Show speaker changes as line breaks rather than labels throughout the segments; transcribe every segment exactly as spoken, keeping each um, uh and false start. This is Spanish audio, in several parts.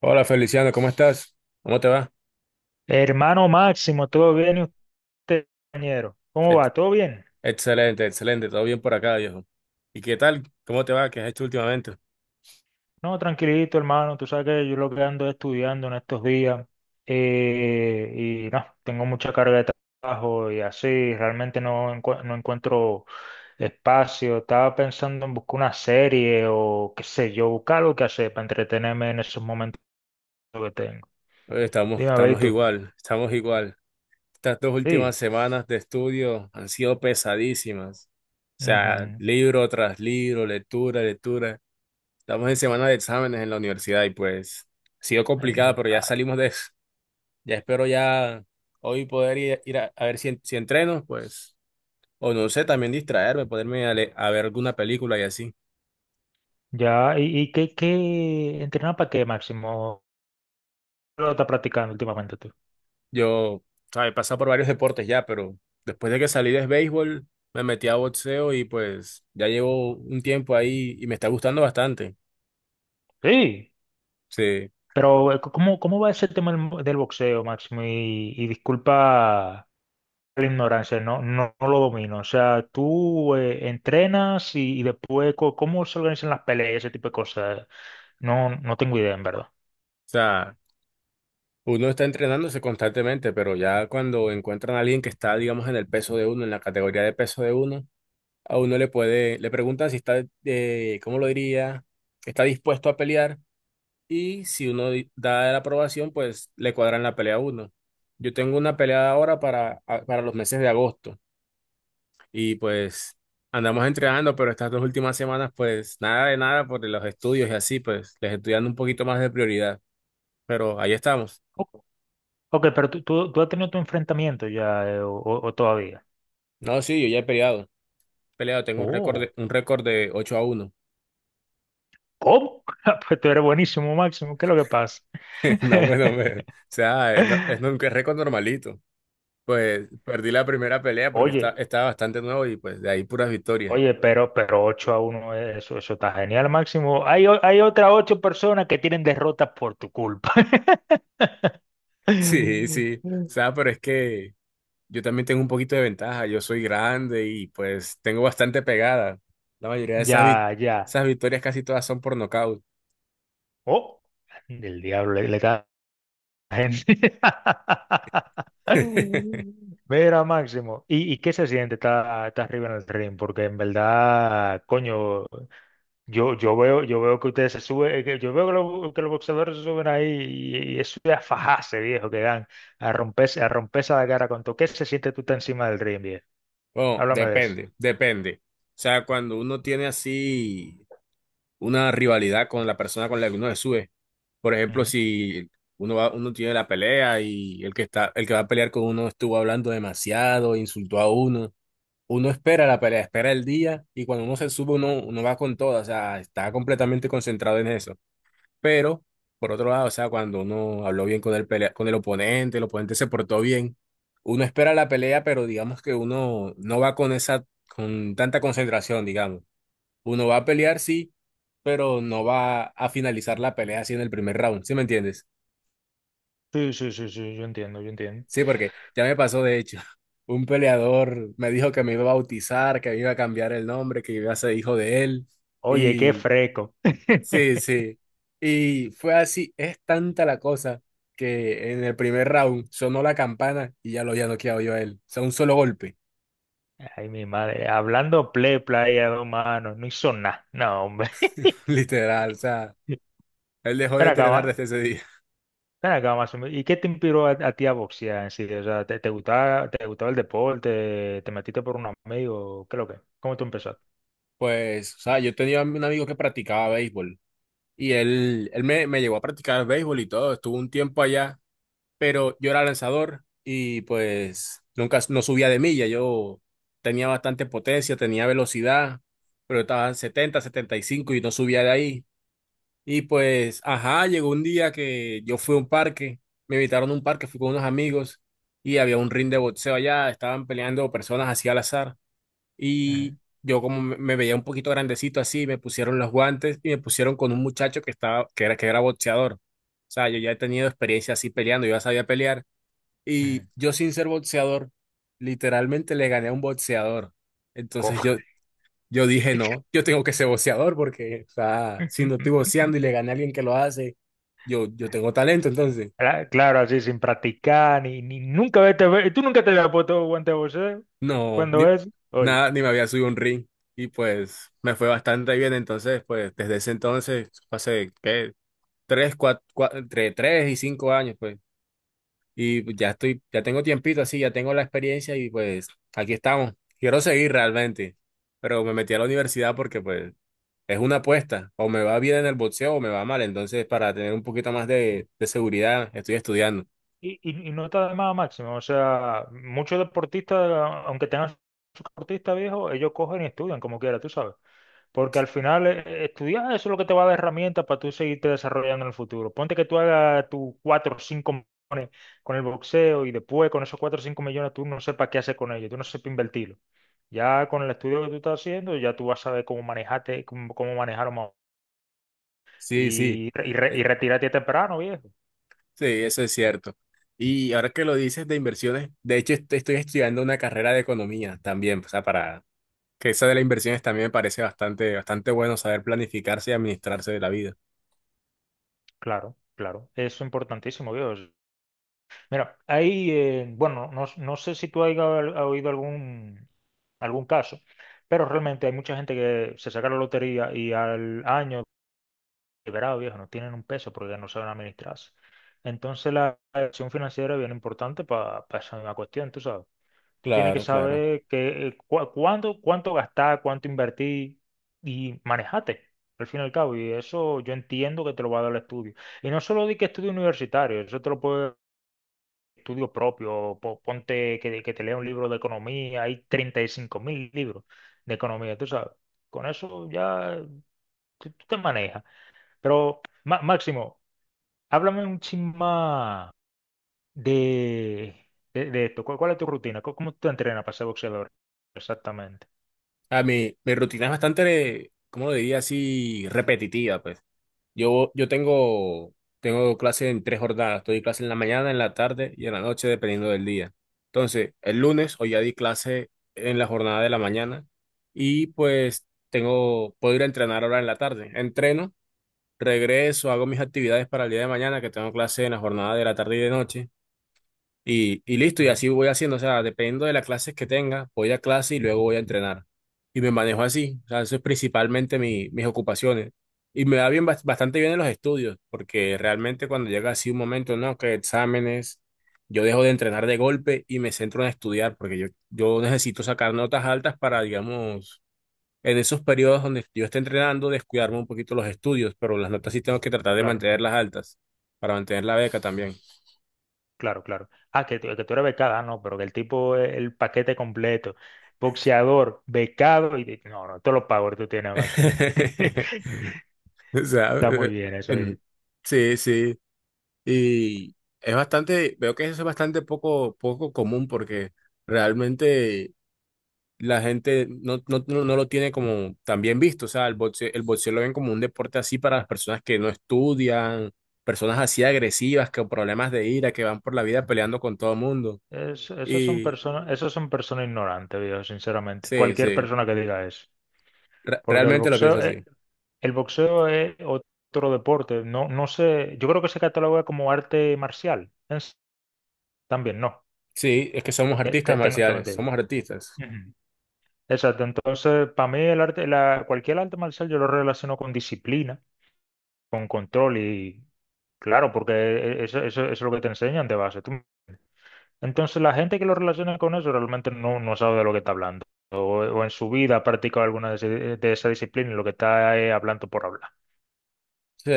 Hola Feliciano, ¿cómo estás? ¿Cómo te va?
Hermano Máximo, ¿todo bien y usted, compañero? ¿Cómo
Ex-
va? ¿Todo bien?
Excelente, excelente, todo bien por acá, viejo. ¿Y qué tal? ¿Cómo te va? ¿Qué has hecho últimamente?
No, tranquilito, hermano. Tú sabes que yo lo que ando estudiando en estos días eh, y no, tengo mucha carga de trabajo y así, realmente no, encu- no encuentro espacio. Estaba pensando en buscar una serie o qué sé yo, buscar algo que hacer para entretenerme en esos momentos que tengo.
Oye, estamos,
Dime, a ver, ¿y
estamos
tú?
igual, estamos igual. Estas dos últimas
Sí.
semanas de estudio han sido pesadísimas. O sea,
Ujú.
libro tras libro, lectura, lectura. Estamos en semana de exámenes en la universidad y pues ha sido
Ay,
complicada,
mi
pero ya
madre.
salimos de eso. Ya espero ya hoy poder ir, ir a, a ver si, en- si entreno, pues. O no sé, también distraerme, ponerme a, le- a ver alguna película y así.
Ya, ¿y, y qué, qué entrenar para qué, Máximo? ¿Lo estás practicando últimamente tú?
Yo, ¿sabes? He pasado por varios deportes ya, pero después de que salí de béisbol, me metí a boxeo y pues ya llevo un tiempo ahí y me está gustando bastante.
Sí,
Sí, o
pero eh, ¿cómo, cómo va ese tema del, del boxeo, Máximo? Y, y disculpa la ignorancia, no, no, no lo domino. O sea, tú eh, entrenas y, y después, co- ¿cómo se organizan las peleas, ese tipo de cosas? No, no tengo idea, en verdad.
sea, uno está entrenándose constantemente, pero ya cuando encuentran a alguien que está, digamos, en el peso de uno, en la categoría de peso de uno, a uno le puede, le preguntan si está, eh, ¿cómo lo diría? ¿Está dispuesto a pelear? Y si uno di- da la aprobación, pues le cuadran la pelea a uno. Yo tengo una pelea ahora para, a- para los meses de agosto. Y pues andamos entrenando, pero estas dos últimas semanas, pues nada de nada por los estudios y así, pues les estoy dando un poquito más de prioridad. Pero ahí estamos.
Ok, ok, pero tú, tú, tú has tenido tu enfrentamiento ya, eh, o, o- o todavía.
No, sí, yo ya he peleado. Peleado, tengo un récord
Oh,
de, un récord de ocho a uno.
¿cómo? Pues tú eres buenísimo, Máximo, ¿qué es lo que pasa?
No me, no me. O sea, es, no- es un récord normalito. Pues perdí la primera pelea porque está,
Oye.
estaba bastante nuevo y pues de ahí puras victorias.
Oye, pero, pero ocho a uno eh, eso, eso está genial, Máximo. Hay, o- hay otras ocho personas que tienen derrotas por tu culpa.
Sí, sí. O sea, pero es que yo también tengo un poquito de ventaja. Yo soy grande y pues tengo bastante pegada. La mayoría de esas, vi-
Ya, ya.
esas victorias casi todas son por nocaut.
Oh, el diablo le, le da a la gente. Mira, Máximo. ¿Y, y qué se siente estar estar arriba en el ring? Porque en verdad, coño, Yo, yo veo, yo veo que ustedes se suben, eh, que- yo veo que los, que los boxeadores se suben ahí y, y eso es a fajarse, viejo, que dan, a romperse, a romperse la cara con todo. ¿Qué se siente tú estás encima del ring, viejo?
Bueno,
Háblame de eso.
depende, depende. O sea, cuando uno tiene así una rivalidad con la persona con la que uno se sube. Por ejemplo,
Ujú.
si uno va, uno tiene la pelea y el que está, el que va a pelear con uno estuvo hablando demasiado, insultó a uno. Uno espera la pelea, espera el día y cuando uno se sube uno, uno va con todo, o sea, está completamente concentrado en eso. Pero, por otro lado, o sea, cuando uno habló bien con el pelea, con el oponente, el oponente se portó bien, uno espera la pelea, pero digamos que uno no va con esa, con tanta concentración, digamos. Uno va a pelear, sí, pero no va a finalizar la pelea así en el primer round, ¿sí me entiendes?
Sí, sí, sí, sí, yo entiendo, yo entiendo.
Sí, porque ya me pasó, de hecho, un peleador me dijo que me iba a bautizar, que me iba a cambiar el nombre, que iba a ser hijo de él.
Oye, qué
Y
fresco.
sí, sí. Y fue así, es tanta la cosa que en el primer round sonó la campana y ya lo había noqueado yo a él. O sea, un solo golpe,
Ay, mi madre, hablando play, playa, dos manos, no hizo nada. No, hombre.
literal. O sea, él dejó de
Ven
entrenar
acá,
desde ese día.
ven acá, más o menos, ¿y qué te inspiró a, a ti a boxear en sí? O sea, ¿te, te gustaba, te gustaba el deporte? ¿Te metiste por un amigo? ¿Qué es lo que? ¿Cómo tú empezaste?
Pues, o sea, yo tenía un amigo que practicaba béisbol y él, él me, me llevó a practicar béisbol y todo. Estuvo un tiempo allá, pero yo era lanzador y pues nunca no subía de milla. Yo tenía bastante potencia, tenía velocidad, pero estaba en setenta, setenta y cinco y no subía de ahí. Y pues, ajá, llegó un día que yo fui a un parque, me invitaron a un parque, fui con unos amigos y había un ring de boxeo allá, estaban peleando personas así al azar y
Ujú,
yo como me me veía un poquito grandecito así, me pusieron los guantes y me pusieron con un muchacho que estaba que era que era boxeador. O sea, yo ya he tenido experiencia así peleando, yo ya sabía pelear
ujú.
y yo sin ser boxeador, literalmente le gané a un boxeador. Entonces
¿Cómo?
yo, yo dije, no, yo tengo que ser boxeador porque, o sea, si no estoy boxeando y le gané a alguien que lo hace, yo, yo tengo talento. Entonces,
Cla- Claro, así sin practicar, ni, ni nunca vete, ve- tú nunca te habías puesto guante de boxeo.
no, ni,
Cuando es? Oye.
nada, ni me había subido a un ring. Y pues me fue bastante bien. Entonces, pues desde ese entonces, hace, ¿qué? Tres, cuatro, entre tres y cinco años, pues, y pues ya estoy, ya tengo tiempito así, ya tengo la experiencia y pues aquí estamos. Quiero seguir realmente, pero me metí a la universidad porque pues es una apuesta. O me va bien en el boxeo o me va mal. Entonces, para tener un poquito más de, de seguridad, estoy estudiando.
Y, y, y no está de más máximo. O sea, muchos deportistas, aunque tengan su deportista viejo, ellos cogen y estudian como quiera, tú sabes. Porque al final eh, eh, estudiar eso es lo que te va a dar herramientas para tú seguirte desarrollando en el futuro. Ponte que tú hagas tus cuatro o cinco con el boxeo y después con esos cuatro o cinco millones tú no sepas qué hacer con ellos, tú no sepas invertirlo. Ya con el estudio que tú estás haciendo, ya tú vas a saber cómo manejarte, cómo, cómo manejarlo más.
Sí, sí,
Y, y, re-
eh,
y retirarte temprano, viejo.
sí, eso es cierto. Y ahora que lo dices de inversiones, de hecho est- estoy estudiando una carrera de economía también, o sea, para que esa de las inversiones también me parece bastante, bastante bueno saber planificarse y administrarse de la vida.
Claro, claro. Eso es importantísimo, viejo. Mira, hay, eh, bueno, no, no sé si tú has oído algún, algún caso, pero realmente hay mucha gente que se saca la lotería y al año, liberado viejo, no tienen un peso porque no saben administrarse. Entonces la acción financiera es bien importante para esa misma cuestión, tú sabes. Tú tienes que
Claro, claro.
saber que, eh, cua- cuándo, cuánto gastar, cuánto invertir y manejate, al fin y al cabo. Y eso yo entiendo que te lo va a dar el estudio. Y no solo di que estudio universitario, eso te lo puede estudio propio, po- ponte que, que te lea un libro de economía, hay treinta y cinco mil libros de economía, tú sabes. Con eso ya tú tú te manejas. Pero, Ma- Máximo, háblame un chin más de, de, de esto. ¿Cuál, cuál es tu rutina? ¿Cómo, cómo tú te entrenas para ser boxeador? Exactamente.
A mi, mi rutina es bastante, ¿cómo lo diría así? Repetitiva, pues. Yo, yo tengo, tengo clase en tres jornadas. Doy clase en la mañana, en la tarde y en la noche, dependiendo del día. Entonces, el lunes hoy ya di clase en la jornada de la mañana y pues tengo, puedo ir a entrenar ahora en la tarde. Entreno, regreso, hago mis actividades para el día de mañana, que tengo clase en la jornada de la tarde y de noche. Y, y listo, y
Ujú.
así voy haciendo, o sea, dependiendo de las clases que tenga, voy a clase y luego voy a entrenar. Y me manejo así, o sea, eso es principalmente mi, mis ocupaciones. Y me va bien, bas- bastante bien en los estudios, porque realmente cuando llega así un momento, no, que exámenes, yo dejo de entrenar de golpe y me centro en estudiar, porque yo, yo necesito sacar notas altas para, digamos, en esos periodos donde yo esté entrenando, descuidarme un poquito los estudios, pero las notas sí tengo que tratar de
Claro,
mantenerlas altas, para mantener la beca también.
claro, claro. Ah, que, tú- que tú eres becada, ah, no, pero que el tipo es el paquete completo. Boxeador, becado y... de- No, no, todos los powers tú tienes, Máximo.
O sea,
Está muy
eh,
bien eso.
en- sí, sí. Y es bastante, veo que eso es bastante poco, poco común, porque realmente la gente no, no, no, no lo tiene como tan bien visto. O sea, el boxeo, el boxeo lo ven como un deporte así para las personas que no estudian, personas así agresivas, con problemas de ira, que van por la vida peleando con todo el mundo.
Es, esos son
Y
personas, esos son personas ignorantes, viejo, sinceramente.
sí,
Cualquier
sí,
persona que diga eso.
re-
Porque el
realmente lo pienso
boxeo, eh,
así.
el boxeo es otro deporte. No, no sé, yo creo que se cataloga como arte marcial. Es- también, no.
Sí, es que somos
Eh, te-
artistas
tengo, tengo
marciales,
entendido.
somos artistas.
Ujú. Exacto. Entonces, para mí el arte, la, cualquier arte marcial yo lo relaciono con disciplina, con control y claro, porque eh, eh, eso, eso, eso es lo que te enseñan de base. ¿Tú Entonces la gente que lo relaciona con eso realmente no, no sabe de lo que está hablando. O, o en su vida ha practicado alguna de, ese- de esa disciplina y lo que está es hablando por hablar.
Sí.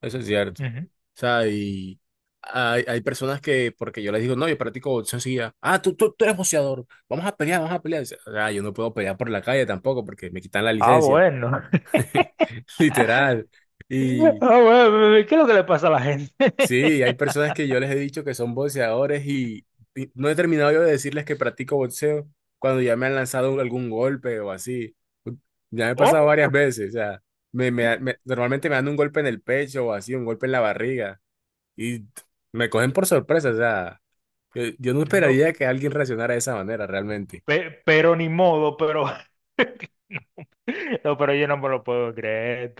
Eso es cierto. O
Ujú.
sea, y hay, hay personas que, porque yo les digo, no, yo practico boxeo enseguida. Ah, tú, tú, tú eres boxeador. Vamos a pelear, vamos a pelear. Dice, o sea, yo no puedo pelear por la calle tampoco porque me quitan la
Ah,
licencia.
bueno.
Literal. Y
Ah, bueno, ¿qué es lo que le pasa a la gente?
sí, hay personas que yo les he dicho que son boxeadores y, y no he terminado yo de decirles que practico boxeo cuando ya me han lanzado algún golpe o así. Ya me ha pasado
¿Oh?
varias veces. O sea, me, me, me- normalmente me dan un golpe en el pecho o así, un golpe en la barriga. Y me cogen por sorpresa, o sea, yo, yo no
No,
esperaría que alguien reaccionara de esa manera realmente.
pe- pero ni modo, pero... No, pero yo no me lo puedo creer.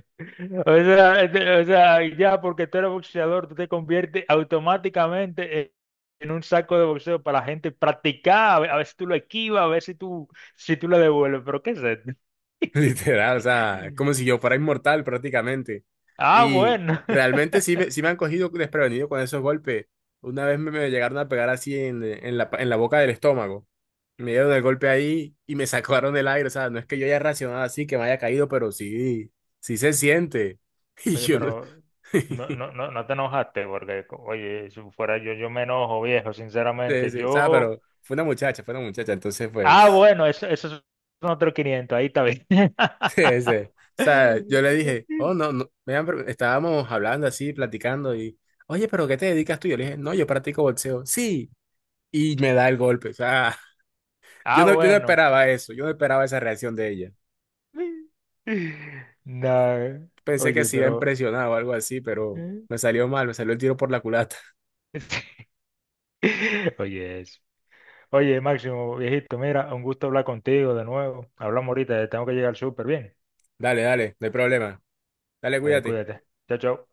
O sea, este- o sea, ya porque tú eres boxeador, tú te conviertes automáticamente en en un saco de boxeo para la gente practicar, a ver, a ver si tú lo esquivas, a ver si tú, si tú lo devuelves. Pero ¿qué es esto?
Literal, o sea, como si yo fuera inmortal prácticamente.
Ah,
Y
bueno.
realmente sí me, sí me han cogido desprevenido con esos golpes. Una vez me, me llegaron a pegar así en, en la, en la boca del estómago. Me dieron el golpe ahí y me sacaron el aire. O sea, no es que yo haya reaccionado así, que me haya caído, pero sí, sí se siente. Y
Oye,
yo no.
pero no, no, no, no te enojaste porque, co- oye, si fuera yo, yo me enojo, viejo,
Sí,
sinceramente.
sí, o sea,
Yo,
pero fue una muchacha, fue una muchacha. Entonces,
ah,
pues.
bueno, eso, eso son otros quinientos, ahí está bien.
Sí, sí. O sea, yo le dije, oh, no, no, me han pre- estábamos hablando así, platicando y, oye, pero ¿qué te dedicas tú? Yo le dije, no, yo practico boxeo. Sí, y me da el golpe. O sea, yo
Ah,
no, yo no
bueno.
esperaba eso, yo no esperaba esa reacción de ella.
No,
Pensé que
oye,
se iba a
pero...
impresionar o algo así, pero
¿eh?
me salió mal, me salió el tiro por la culata.
Oye, eso. Oye, Máximo, viejito, mira, un gusto hablar contigo de nuevo. Hablamos ahorita, tengo que llegar súper bien.
Dale, dale, no hay problema. Dale,
Dale,
cuídate.
cuídate. Chao, chao.